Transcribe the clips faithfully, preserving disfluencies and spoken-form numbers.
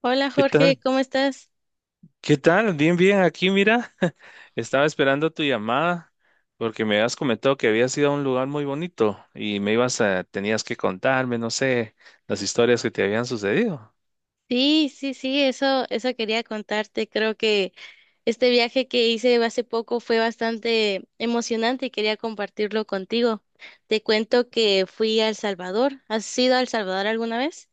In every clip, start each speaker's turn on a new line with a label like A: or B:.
A: Hola
B: ¿Qué
A: Jorge,
B: tal?
A: ¿cómo estás?
B: ¿Qué tal? Bien, bien, aquí mira, estaba esperando tu llamada porque me habías comentado que habías ido a un lugar muy bonito y me ibas a, tenías que contarme, no sé, las historias que te habían sucedido.
A: Sí, sí, sí, eso, eso quería contarte. Creo que este viaje que hice hace poco fue bastante emocionante y quería compartirlo contigo. Te cuento que fui a El Salvador. ¿Has ido a El Salvador alguna vez?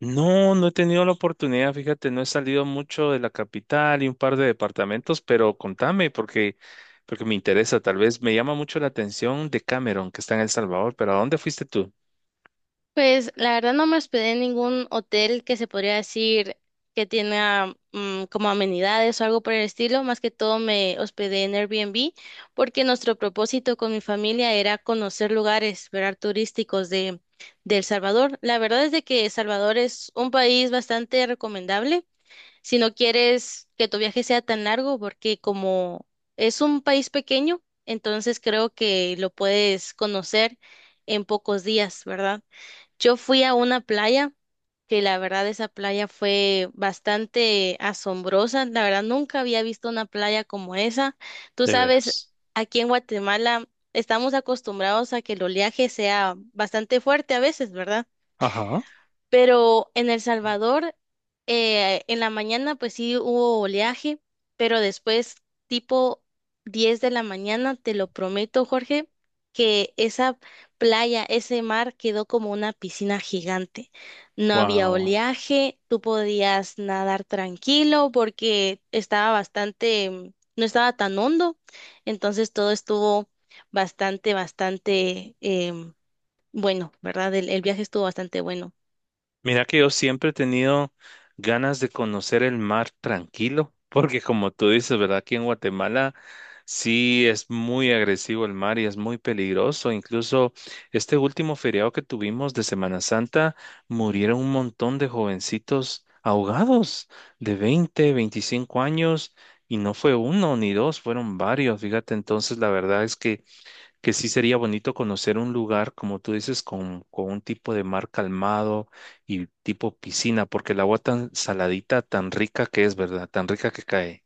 B: No, no he tenido la oportunidad, fíjate, no he salido mucho de la capital y un par de departamentos, pero contame porque, porque me interesa, tal vez me llama mucho la atención de Cameron, que está en El Salvador, pero ¿a dónde fuiste tú?
A: Pues la verdad no me hospedé en ningún hotel que se podría decir que tenga mm, como amenidades o algo por el estilo. Más que todo me hospedé en Airbnb porque nuestro propósito con mi familia era conocer lugares, ¿verdad? Turísticos de, de El Salvador. La verdad es de que El Salvador es un país bastante recomendable si no quieres que tu viaje sea tan largo porque como es un país pequeño, entonces creo que lo puedes conocer en pocos días, ¿verdad? Yo fui a una playa, que la verdad esa playa fue bastante asombrosa. La verdad nunca había visto una playa como esa. Tú
B: De
A: sabes,
B: veras.
A: aquí en Guatemala estamos acostumbrados a que el oleaje sea bastante fuerte a veces, ¿verdad?
B: Ajá.
A: Pero en El Salvador, eh, en la mañana, pues sí hubo oleaje, pero después, tipo diez de la mañana, te lo prometo, Jorge, que esa playa, ese mar quedó como una piscina gigante. No había
B: Wow.
A: oleaje, tú podías nadar tranquilo porque estaba bastante, mm, no estaba tan hondo, entonces todo estuvo bastante, bastante em, bueno, ¿verdad? el el viaje estuvo bastante bueno.
B: Mira que yo siempre he tenido ganas de conocer el mar tranquilo, porque como tú dices, ¿verdad? Aquí en Guatemala sí es muy agresivo el mar y es muy peligroso. Incluso este último feriado que tuvimos de Semana Santa, murieron un montón de jovencitos ahogados de veinte, veinticinco años y no fue uno ni dos, fueron varios. Fíjate, entonces la verdad es que que sí sería bonito conocer un lugar, como tú dices, con, con un tipo de mar calmado y tipo piscina, porque el agua tan saladita, tan rica que es, ¿verdad? Tan rica que cae.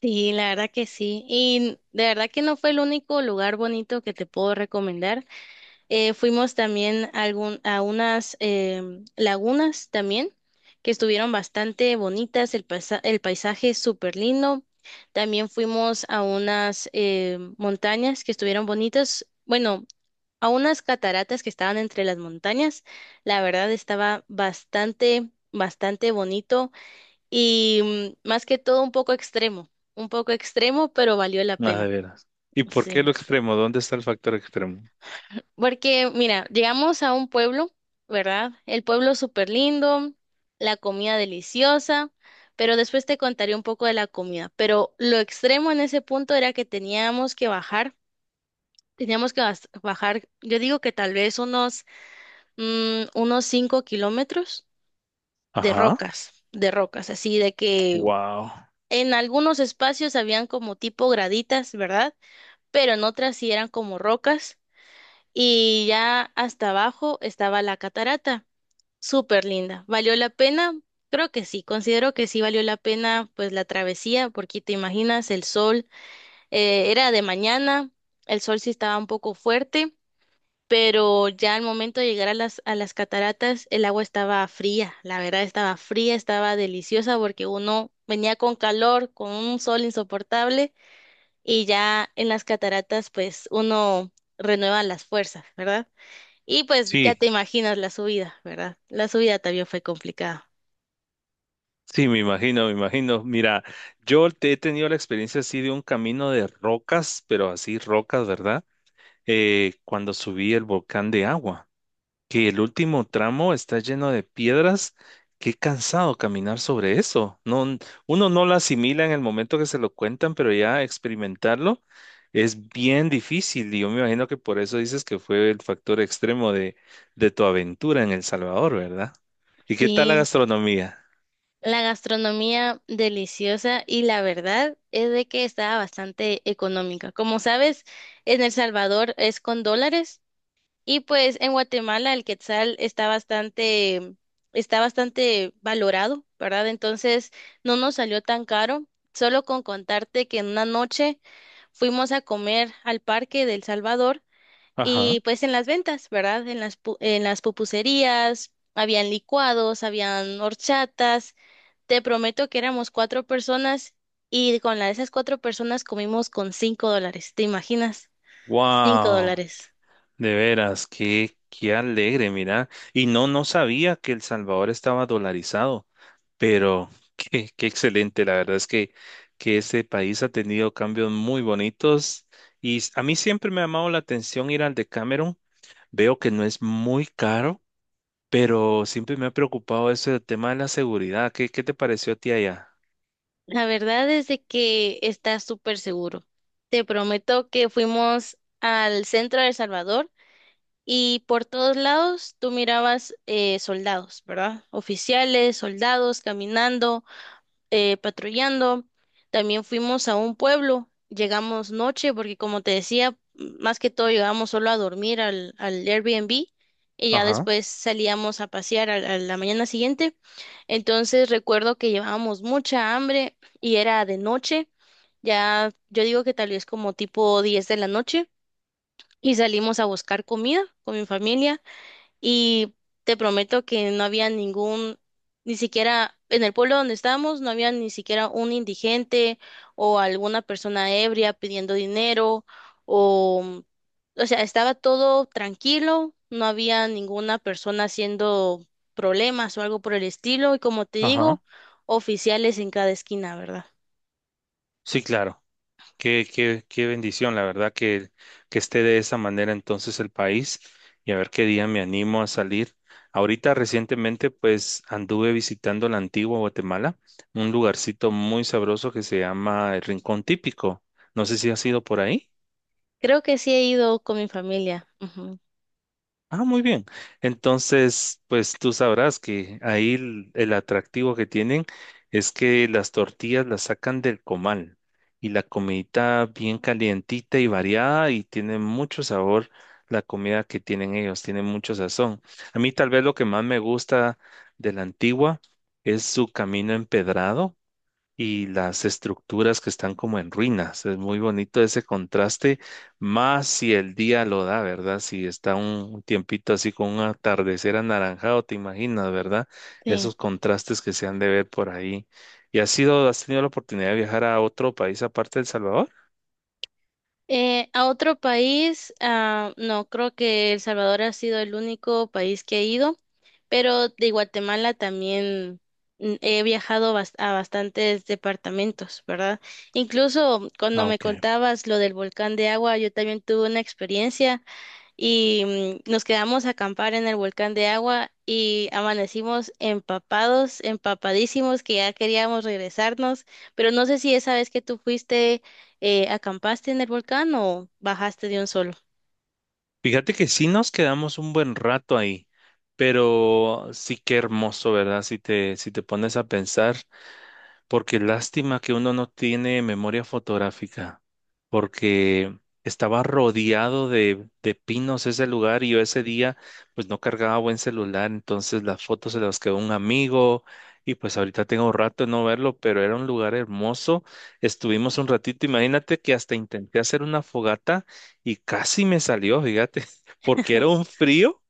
A: Sí, la verdad que sí. Y de verdad que no fue el único lugar bonito que te puedo recomendar. Eh, fuimos también a, algún, a unas em, lagunas también, que estuvieron bastante bonitas. El, paisa- el paisaje es súper lindo. También fuimos a unas em, montañas que estuvieron bonitas. Bueno, a unas cataratas que estaban entre las montañas. La verdad estaba bastante, bastante bonito y mm, más que todo un poco extremo, un poco extremo, pero valió la
B: Ah, de
A: pena.
B: veras. ¿Y por qué
A: Sí.
B: lo extremo? ¿Dónde está el factor extremo?
A: Porque, mira, llegamos a un pueblo, ¿verdad? El pueblo súper lindo, la comida deliciosa, pero después te contaré un poco de la comida. Pero lo extremo en ese punto era que teníamos que bajar, teníamos que bas- bajar, yo digo que tal vez unos, mm, unos cinco kilómetros de
B: Ajá.
A: rocas, de rocas, así de que
B: Wow.
A: en algunos espacios habían como tipo graditas, ¿verdad? Pero en otras sí eran como rocas y ya hasta abajo estaba la catarata. Súper linda. ¿Valió la pena? Creo que sí, considero que sí valió la pena pues la travesía, porque te imaginas el sol, eh, era de mañana, el sol sí estaba un poco fuerte, pero ya al momento de llegar a las, a las, cataratas el agua estaba fría, la verdad estaba fría, estaba deliciosa porque uno venía con calor, con un sol insoportable y ya en las cataratas pues uno renueva las fuerzas, ¿verdad? Y pues ya
B: Sí,
A: te imaginas la subida, ¿verdad? La subida también fue complicada.
B: sí, me imagino, me imagino. Mira, yo te- he tenido la experiencia así de un camino de rocas, pero así rocas, ¿verdad? Eh, cuando subí el volcán de agua, que el último tramo está lleno de piedras. Qué cansado caminar sobre eso. No, uno no lo asimila en el momento que se lo cuentan, pero ya experimentarlo es bien difícil. Y yo me imagino que por eso dices que fue el factor extremo de, de tu aventura en El Salvador, ¿verdad? ¿Y qué tal la
A: Sí,
B: gastronomía?
A: la gastronomía deliciosa y la verdad es de que estaba bastante económica. Como sabes, en El Salvador es con dólares. Y pues en Guatemala el quetzal está bastante, está bastante valorado, ¿verdad? Entonces no nos salió tan caro. Solo con contarte que en una noche fuimos a comer al parque del Salvador
B: Ajá.
A: y pues en las ventas, ¿verdad? En las, pu- en las pupuserías, habían licuados, habían horchatas. Te prometo que éramos cuatro personas y con la de esas cuatro personas comimos con cinco dólares. ¿Te imaginas? Cinco
B: Wow.
A: dólares.
B: De veras, qué, qué alegre, mira. Y no, no sabía que El Salvador estaba dolarizado, pero qué, qué excelente. La verdad es que, que ese país ha tenido cambios muy bonitos y s- a mí siempre me ha llamado la atención ir al de Cameron. Veo que no es muy caro, pero siempre me ha preocupado eso del tema de la seguridad. ¿Qué, qué te pareció a ti allá?
A: La verdad es de que está súper seguro. Te prometo que fuimos al centro de El Salvador y por todos lados tú mirabas eh, soldados, ¿verdad? Oficiales, soldados caminando eh, patrullando. También fuimos a un pueblo, llegamos noche porque como te decía, más que todo llegamos solo a dormir al, al Airbnb y ya
B: Ajá,
A: después salíamos a pasear al- a, la mañana siguiente. Entonces recuerdo que llevábamos mucha hambre y era de noche, ya yo digo que tal vez como tipo diez de la noche y salimos a buscar comida con mi familia. Y te prometo que no había ningún, ni siquiera en el pueblo donde estábamos, no había ni siquiera un indigente o alguna persona ebria pidiendo dinero o, o sea, estaba todo tranquilo, no había ninguna persona haciendo problemas o algo por el estilo y como te digo,
B: ajá.
A: oficiales en cada esquina, ¿verdad?
B: Sí, claro. Qué, qué, qué bendición, la verdad, que, que esté de esa manera entonces el país y a ver qué día me animo a salir. Ahorita recientemente pues anduve visitando la antigua Guatemala, un lugarcito muy sabroso que se llama el Rincón Típico. No sé si has ido por ahí.
A: Creo que sí he ido con mi familia. Ujú.
B: Ah, muy bien. Entonces, pues tú sabrás que ahí el, el atractivo que tienen es que las tortillas las sacan del comal y la comidita bien calientita y variada y tiene mucho sabor la comida que tienen ellos, tiene mucho sazón. A mí tal vez lo que más me gusta de la antigua es su camino empedrado y las estructuras que están como en ruinas. Es muy bonito ese contraste, más si el día lo da, ¿verdad? Si está un tiempito así con un atardecer anaranjado, te imaginas, ¿verdad?
A: Sí.
B: Esos contrastes que se han de ver por ahí. ¿Y has sido, has tenido la oportunidad de viajar a otro país aparte de El Salvador?
A: Eh, a otro país, ah, no, creo que El Salvador ha sido el único país que he ido, pero de Guatemala también mm, he viajado bas- a bastantes departamentos, ¿verdad? Incluso cuando
B: Ah,
A: me
B: ok.
A: contabas lo del volcán de agua, yo también tuve una experiencia y mm, nos quedamos a acampar en el volcán de agua y amanecimos empapados, empapadísimos, que ya queríamos regresarnos, pero no sé si esa vez que tú fuiste, eh, acampaste en el volcán o bajaste de un solo.
B: Fíjate que sí nos quedamos un buen rato ahí, pero sí que hermoso, ¿verdad? Si te, si te pones a pensar. Porque lástima que uno no tiene memoria fotográfica, porque estaba rodeado de, de pinos ese lugar y yo ese día pues no cargaba buen celular, entonces las fotos se las quedó un amigo y pues ahorita tengo rato de no verlo, pero era un lugar hermoso. Estuvimos un ratito, imagínate que hasta intenté hacer una fogata y casi me salió, fíjate, porque era un frío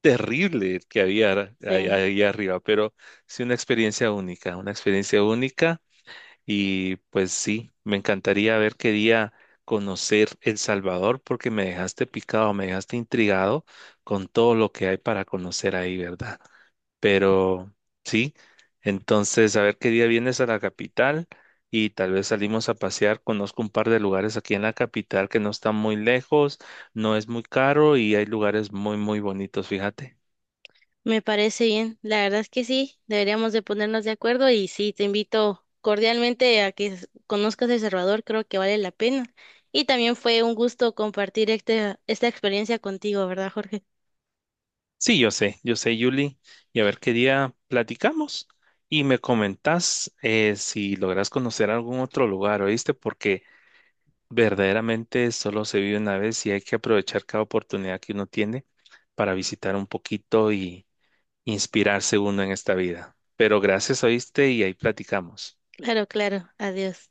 B: terrible el que había ahí
A: Sí,
B: ahí arriba, pero sí una experiencia única, una experiencia única y pues sí, me encantaría ver qué día conocer El Salvador porque me dejaste picado, me dejaste intrigado con todo lo que hay para conocer ahí, ¿verdad? Pero sí, entonces a ver qué día vienes a la capital y tal vez salimos a pasear. Conozco un par de lugares aquí en la capital que no están muy lejos, no es muy caro y hay lugares muy, muy bonitos, fíjate.
A: me parece bien, la verdad es que sí, deberíamos de ponernos de acuerdo y sí, te invito cordialmente a que s- conozcas El Salvador, creo que vale la pena. Y también fue un gusto compartir este- esta experiencia contigo, ¿verdad, Jorge?
B: Sí, yo sé, yo sé, Yuli, y a ver qué día platicamos y me comentás eh, si logras conocer algún otro lugar, ¿oíste? Porque verdaderamente solo se vive una vez y hay que aprovechar cada oportunidad que uno tiene para visitar un poquito y inspirarse uno en esta vida. Pero gracias, ¿oíste? Y ahí platicamos.
A: Claro, claro, adiós.